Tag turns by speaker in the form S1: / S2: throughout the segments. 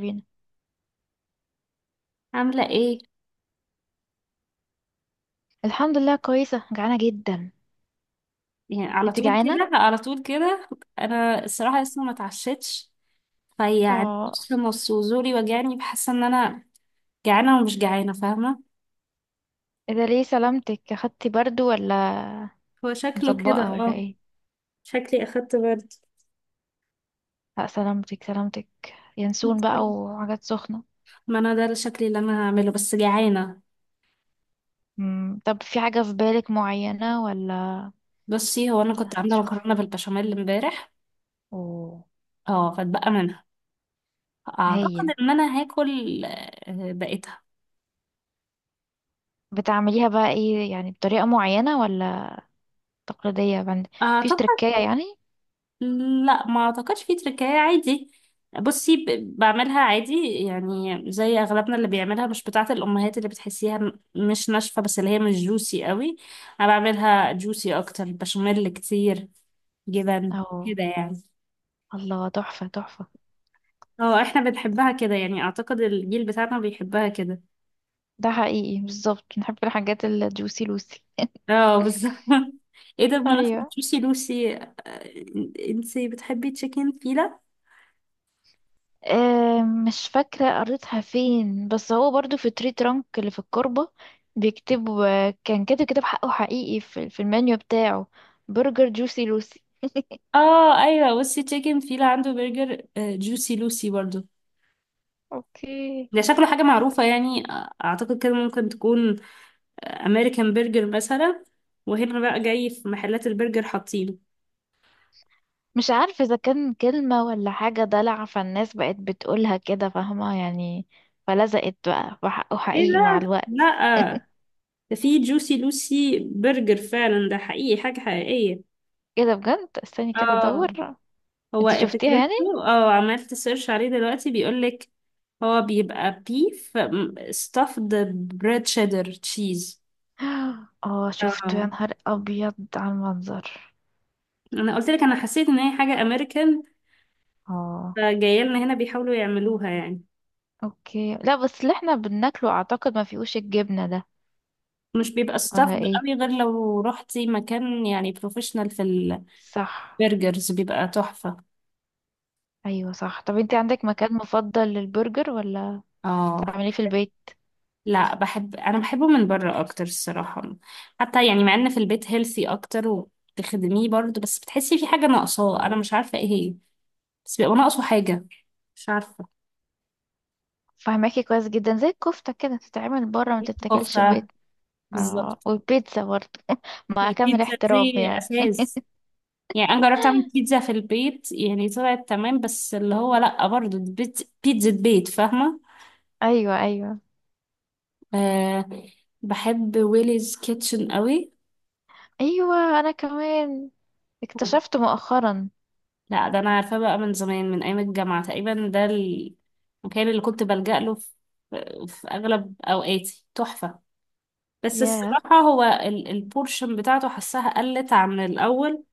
S1: بينا.
S2: عاملة ايه؟
S1: الحمد لله، كويسة، جعانة جدا.
S2: يعني على
S1: انت
S2: طول
S1: جعانة؟
S2: كده على طول كده. انا الصراحة لسه ما اتعشتش، فيعني
S1: اه.
S2: نص نص وزوري وجعني، بحس ان انا جعانة ومش جعانة، فاهمة؟
S1: اذا ليه سلامتك، اخدتي برضو ولا
S2: هو شكله كده،
S1: مطبقة ولا
S2: اه.
S1: ايه؟
S2: شكلي اخدت برد.
S1: لا سلامتك سلامتك. ينسون بقى وحاجات سخنة.
S2: ما انا ده الشكل اللي انا هعمله، بس جعانة.
S1: مم. طب في حاجة في بالك معينة ولا؟
S2: بصي، هو انا كنت عاملة مكرونة
S1: هتشوفي؟
S2: بالبشاميل امبارح.
S1: اوه.
S2: اه، فاتبقى منها. اعتقد
S1: هايل.
S2: ان انا هاكل آه، بقيتها.
S1: بتعمليها بقى ايه يعني، بطريقة معينة ولا تقليدية بند؟ مفيش
S2: اعتقد.
S1: تركية يعني؟
S2: لا، ما اعتقدش، في تركاية عادي. بصي، بعملها عادي. يعني زي اغلبنا اللي بيعملها، مش بتاعة الامهات اللي بتحسيها مش ناشفة، بس اللي هي مش جوسي قوي. انا بعملها جوسي اكتر، بشاميل كتير، جبن
S1: اه.
S2: كده يعني.
S1: الله تحفة تحفة.
S2: اه، احنا بنحبها كده يعني. اعتقد الجيل بتاعنا بيحبها كده.
S1: ده حقيقي، بالظبط نحب الحاجات الجوسي لوسي.
S2: اه، بالظبط. ايه ده؟ بمناسبة
S1: ايوه.
S2: جوسي لوسي. انتي بتحبي تشيكن فيلا؟
S1: مش فاكرة قريتها فين، بس هو برضو في تري ترانك اللي في الكربة. بيكتب. كان كاتب كتاب حقه حقيقي في المنيو بتاعه. برجر جوسي لوسي.
S2: اه ايوه، بصي، تشيكن فيلا عنده برجر جوسي لوسي برضو.
S1: اوكي.
S2: ده شكله حاجة معروفة يعني. أعتقد كده ممكن تكون أمريكان برجر مثلا، وهنا بقى جاي في محلات البرجر حاطينه.
S1: مش عارفة إذا كان كلمة ولا حاجة دلع، فالناس بقت بتقولها كده فاهمة يعني. فلزقت بقى وحقه
S2: ايه
S1: حقيقي مع
S2: ده؟
S1: الوقت.
S2: لأ، ده في جوسي لوسي برجر فعلا، ده حقيقي، حاجة حقيقية.
S1: كده بجد، استني كده
S2: اه،
S1: ادور. انت
S2: هو
S1: شفتيها يعني؟
S2: فكرته، عملت سيرش عليه دلوقتي، بيقولك هو بيبقى بيف stuffed bread cheddar cheese.
S1: اه شفته يا
S2: اه،
S1: نهار ابيض على المنظر.
S2: انا قلت لك انا حسيت ان هي حاجة امريكان،
S1: اه.
S2: فجايه لنا هنا بيحاولوا يعملوها يعني.
S1: اوكي، لا بس اللي احنا بناكله اعتقد ما فيهوش الجبنة ده.
S2: مش بيبقى
S1: ولا
S2: stuffed
S1: ايه؟
S2: قوي، غير لو روحتي مكان يعني بروفيشنال. في
S1: صح.
S2: البرجرز بيبقى تحفة.
S1: ايوه صح. طب انتي عندك مكان مفضل للبرجر ولا
S2: اه
S1: تعمليه في البيت؟
S2: لا، انا بحبه من بره اكتر الصراحة. حتى يعني مع ان في البيت هيلثي اكتر، وبتخدميه برضه، بس بتحسي في حاجة ناقصاه، انا مش عارفة ايه هي. بس بيبقى ناقصه حاجة. مش عارفة.
S1: فهماكي كويس جدا. زي الكفتة كده، تتعمل بره ما تتاكلش في
S2: كفتة،
S1: البيت. اه،
S2: بالظبط.
S1: والبيتزا برضه مع كامل
S2: البيتزا
S1: احترام
S2: دي
S1: يعني.
S2: أساس. يعني أنا جربت أعمل بيتزا في البيت، يعني طلعت تمام، بس اللي هو لأ برضه، دي بيتزا بيت، فاهمة؟
S1: ايوه ايوه.
S2: أه. بحب ويليز كيتشن قوي.
S1: ايوه انا كمان. اكتشفت مؤخرا.
S2: لا، ده انا عارفاه بقى من زمان، من ايام الجامعه تقريبا. ده المكان اللي كنت بلجأ له في اغلب اوقاتي، تحفه. بس
S1: ياه.
S2: الصراحه هو البورشن بتاعته حسها قلت عن الاول.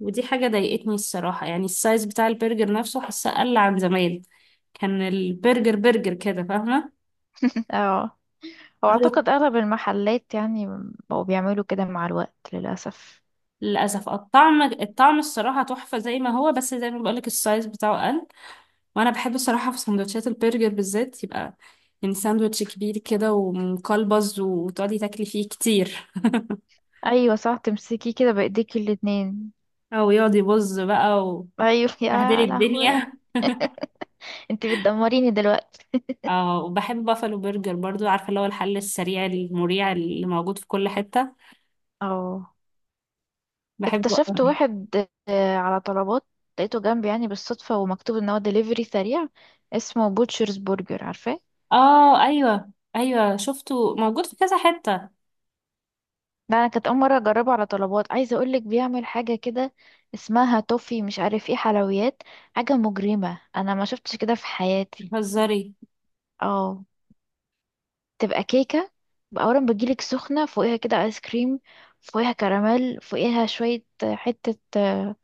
S2: ودي حاجه ضايقتني الصراحه، يعني السايز بتاع البرجر نفسه حسها قل عن زمان. كان البرجر برجر كده، فاهمه.
S1: اه، هو
S2: هو
S1: اعتقد اغلب المحلات يعني بقوا بيعملوا كده مع الوقت للاسف.
S2: للاسف، الطعم، الصراحه تحفه زي ما هو، بس زي ما بقولك السايز بتاعه قل. وانا بحب الصراحه في سندوتشات البرجر بالذات، يبقى يعني ساندوتش كبير كده ومقلبز، وتقعدي تاكلي فيه كتير.
S1: ايوه صح، تمسكيه كده بايديكي الاتنين.
S2: او يقعد يبظ بقى،
S1: ايوه
S2: وبهدلي
S1: يا لهوي.
S2: الدنيا.
S1: انت بتدمريني دلوقتي.
S2: اه، وبحب بافلو برجر برضو، عارفه اللي هو الحل السريع المريع اللي موجود في كل حته.
S1: اه،
S2: بحبه
S1: اكتشفت
S2: أوي.
S1: واحد. على طلبات. لقيته جنبي يعني بالصدفة، ومكتوب ان هو دليفري سريع. اسمه بوتشرز برجر، عارفاه؟
S2: اه ايوه ايوه، شفته موجود في كذا حته.
S1: ده انا كانت اول مرة اجربه على طلبات. عايزة اقولك بيعمل حاجة كده اسمها توفي مش عارف ايه حلويات. حاجة مجرمة، انا ما شفتش كده في حياتي.
S2: بتهزري؟
S1: اه. تبقى كيكة، اولا بتجيلك سخنة، فوقيها كده ايس كريم، فوقيها كراميل، فوقيها شوية حتة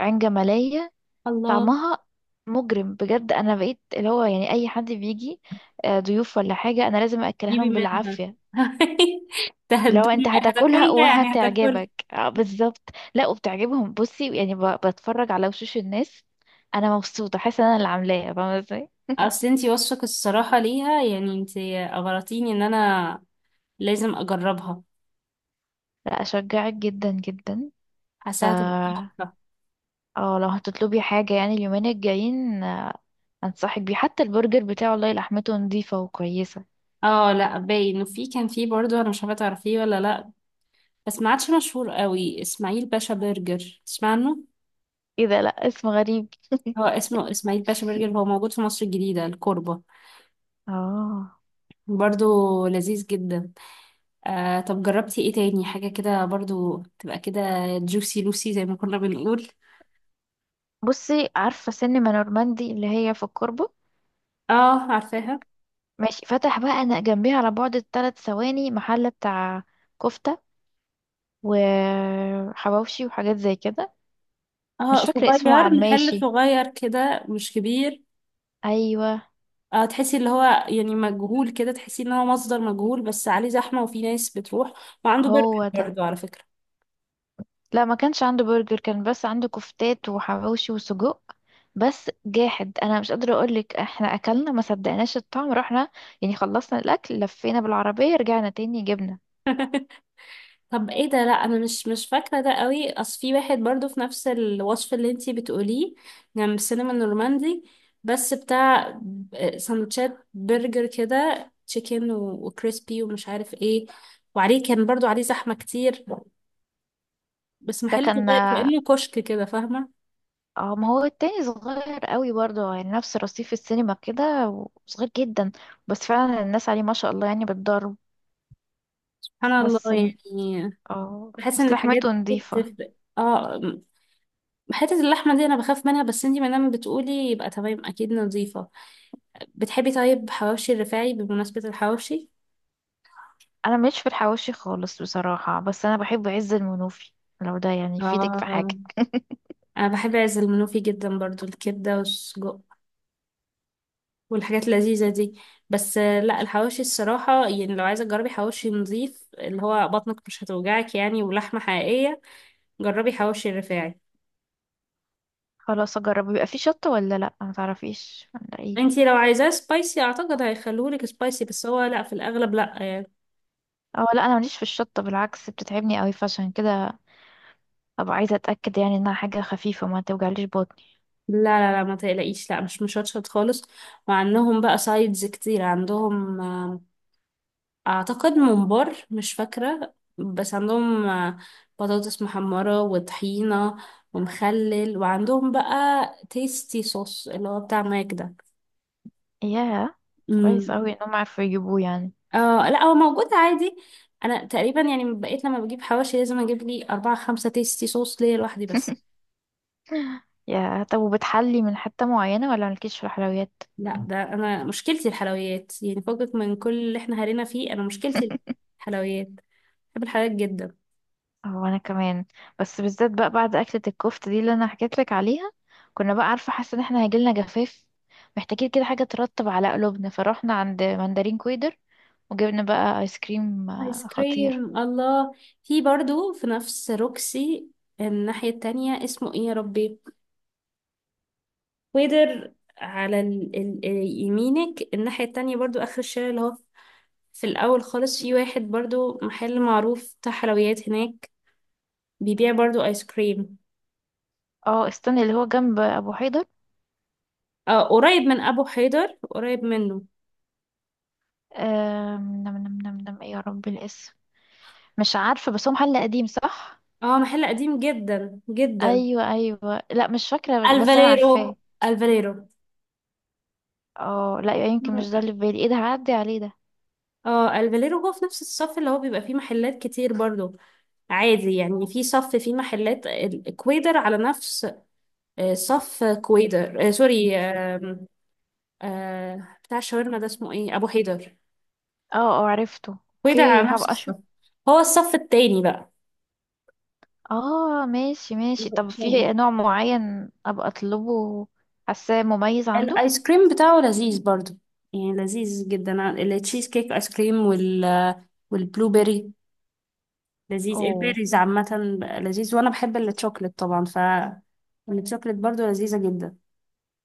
S1: عين جمالية.
S2: الله.
S1: طعمها مجرم بجد. انا بقيت اللي هو يعني اي حد بيجي ضيوف ولا حاجه انا لازم اكلها
S2: جيبي
S1: لهم
S2: منها.
S1: بالعافيه. لو
S2: تهدوني
S1: انت هتاكلها
S2: هتاكلها، يعني هتاكلها.
S1: وهتعجبك بالظبط. لا وبتعجبهم، بصي يعني بتفرج على وشوش الناس. انا مبسوطه، حاسه ان انا اللي عاملاها، فاهمه ازاي.
S2: اصل انتي وصفك الصراحة ليها، يعني انتي اغرتيني ان انا لازم اجربها.
S1: لا اشجعك جدا جدا. ف
S2: حاساها تبقى تحفة.
S1: اه لو هتطلبي حاجه يعني اليومين الجايين، انصحك بيه. حتى البرجر بتاعه والله لحمته نظيفه وكويسه.
S2: اه لا، باين انه في، كان في برضو، انا مش عارفة تعرفيه ولا لا، بس ما عادش مشهور قوي. اسماعيل باشا برجر، تسمع عنه؟
S1: ايه ده، لا اسم غريب
S2: هو اسمه اسماعيل باشا برجر، هو موجود في مصر الجديدة، الكوربة.
S1: اه.
S2: برضو لذيذ جدا. آه، طب جربتي ايه تاني حاجة كده برضو تبقى كده جوسي لوسي زي ما كنا بنقول؟
S1: بصي عارفة سينما نورماندي اللي هي في الكوربة؟
S2: اه عارفاها.
S1: ماشي، فتح بقى أنا جنبيها على بعد 3 ثواني محل بتاع كفتة وحواوشي وحاجات زي كده.
S2: اه،
S1: مش فاكرة اسمه على
S2: محل
S1: الماشي.
S2: صغير كده، مش كبير.
S1: أيوة.
S2: اه، تحسي اللي هو يعني مجهول كده، تحسي ان هو مصدر مجهول، بس عليه زحمة وفي ناس بتروح. وعنده برجر
S1: هو ده.
S2: برضه، على فكرة.
S1: لا ما كانش عنده برجر، كان بس عنده كفتات وحواوشي وسجق. بس جاحد، انا مش قادره اقولك، احنا اكلنا ما صدقناش الطعم، رحنا يعني خلصنا الاكل لفينا بالعربيه رجعنا تاني جبنا.
S2: طب ايه ده؟ لا انا مش فاكرة ده قوي. اصل في واحد برضه في نفس الوصف اللي انتي بتقوليه، جنب السينما النورماندي. بس بتاع سندوتشات برجر كده، تشيكن وكريسبي ومش عارف ايه. وعليه كان برضه عليه زحمة كتير. بس
S1: ده
S2: محل
S1: كان.
S2: صغير، كأنه كشك كده، فاهمة؟
S1: اه ما هو التاني صغير قوي برضه، يعني نفس رصيف السينما كده، وصغير جدا. بس فعلا الناس عليه ما شاء الله يعني بتضرب.
S2: سبحان
S1: بس ن-
S2: الله يعني.
S1: اه
S2: بحس ان
S1: اصل
S2: الحاجات
S1: لحمته
S2: دي
S1: نضيفة.
S2: بتفرق، اه. حتة اللحمة دي أنا بخاف منها، بس انتي مادام بتقولي يبقى تمام، أكيد نظيفة. بتحبي طيب حواوشي الرفاعي؟ بمناسبة الحواوشي.
S1: انا مش في الحواوشي خالص بصراحة، بس انا بحب عز المنوفي. لو ده يعني يفيدك في
S2: اه،
S1: حاجة.
S2: أنا بحب عز المنوفي جدا برضو، الكبدة والسجق والحاجات اللذيذة دي. بس لا، الحواوشي الصراحة، يعني لو عايزة تجربي حواوشي نظيف اللي هو بطنك مش هتوجعك يعني، ولحمة حقيقية، جربي حواوشي الرفاعي.
S1: خلاص اجرب. بيبقى فيه شطة ولا لا، ما تعرفيش ولا ايه؟
S2: انتي لو عايزاه سبايسي أعتقد هيخلولك سبايسي، بس هو لا، في الأغلب لا يعني.
S1: اه لا، انا ماليش في الشطة بالعكس بتتعبني قوي. فعشان كده ابقى عايزة اتأكد يعني انها حاجة خفيفة ما توجعليش بطني.
S2: لا لا لا، ما تقلقيش، لا، مش مشطشط خالص. وعندهم بقى سايدز كتير، عندهم اعتقد ممبار، مش فاكرة، بس عندهم بطاطس محمرة وطحينة ومخلل، وعندهم بقى تيستي صوص اللي هو بتاع ماك ده.
S1: ياه. كويس
S2: امم.
S1: قوي انهم عارفين يجيبوه يعني.
S2: اه لا، هو موجود عادي. انا تقريبا يعني بقيت لما بجيب حواشي لازم اجيب لي اربعة خمسة تيستي صوص ليا لوحدي بس.
S1: يا طب وبتحلي من حتة معينة ولا مالكيش في الحلويات؟
S2: لا، ده انا مشكلتي الحلويات، يعني فوقك من كل اللي احنا هرينا فيه، انا مشكلتي الحلويات. بحب الحلويات جدا.
S1: هو انا كمان. بس بالذات بقى بعد اكلة الكفتة دي اللي انا حكيت لك عليها، كنا بقى عارفة حاسة ان احنا هيجيلنا جفاف، محتاجين كده حاجة ترطب على قلوبنا، فروحنا عند مندرين كويدر وجبنا بقى ايس كريم
S2: ايس
S1: خطير.
S2: كريم، الله. في برضو، في نفس روكسي الناحية التانية، اسمه ايه يا ربي، ويدر على ال... يمينك الناحية التانية برضو، اخر الشارع، اللي هو في الاول خالص، في واحد برضو محل معروف بتاع حلويات هناك، بيبيع برضو ايس كريم.
S1: اه استنى، اللي هو جنب ابو حيدر.
S2: آه، قريب من ابو حيدر، قريب منه.
S1: آم، نم نم نم نم ايه يا رب الاسم. مش عارفة، بس هو محل قديم صح.
S2: اه، محل قديم جدا جدا.
S1: ايوه ايوه، لا مش فاكرة بس انا
S2: الفاليرو،
S1: عارفاه.
S2: الفاليرو.
S1: اه لا يمكن مش ده اللي في بالي. ايه ده، هعدي عليه ده.
S2: اه، الفاليرو هو في نفس الصف اللي هو بيبقى فيه محلات كتير برضو. عادي يعني، في صف، في محلات الكويدر على نفس صف كويدر، سوري، بتاع الشاورما ده اسمه ايه، ابو حيدر.
S1: اه. اه عرفته.
S2: كويدر
S1: اوكي
S2: على نفس
S1: هبقى
S2: الصف.
S1: اشوف.
S2: هو الصف التاني بقى،
S1: اه ماشي ماشي.
S2: اللي
S1: طب
S2: قصاده.
S1: في نوع معين ابقى اطلبه حاساه مميز عنده؟
S2: الايس كريم بتاعه لذيذ برضو، يعني لذيذ جدا. التشيز كيك ايس كريم، والبلو بيري، لذيذ.
S1: اوه.
S2: البيريز عامة بقى لذيذ، وانا بحب الشوكليت طبعا، ف الشوكليت برضو لذيذة جدا.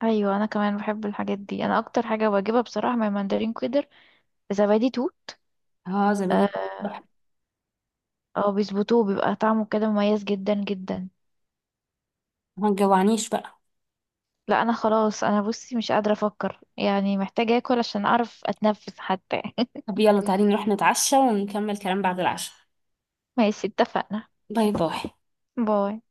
S1: ايوه انا كمان بحب الحاجات دي. انا اكتر حاجه بجيبها بصراحه من ماندرين كويدر زبادي توت.
S2: اه، زبادي،
S1: اه.
S2: تحفة.
S1: بيظبطوه بيبقى طعمه كده مميز جدا جدا.
S2: ما تجوعنيش بقى.
S1: لا انا خلاص، انا بصي مش قادره افكر يعني، محتاجه اكل عشان اعرف اتنفس حتى
S2: طب يلا تعالي نروح نتعشى ونكمل كلام بعد العشاء.
S1: ماشي اتفقنا.
S2: باي باي.
S1: باي.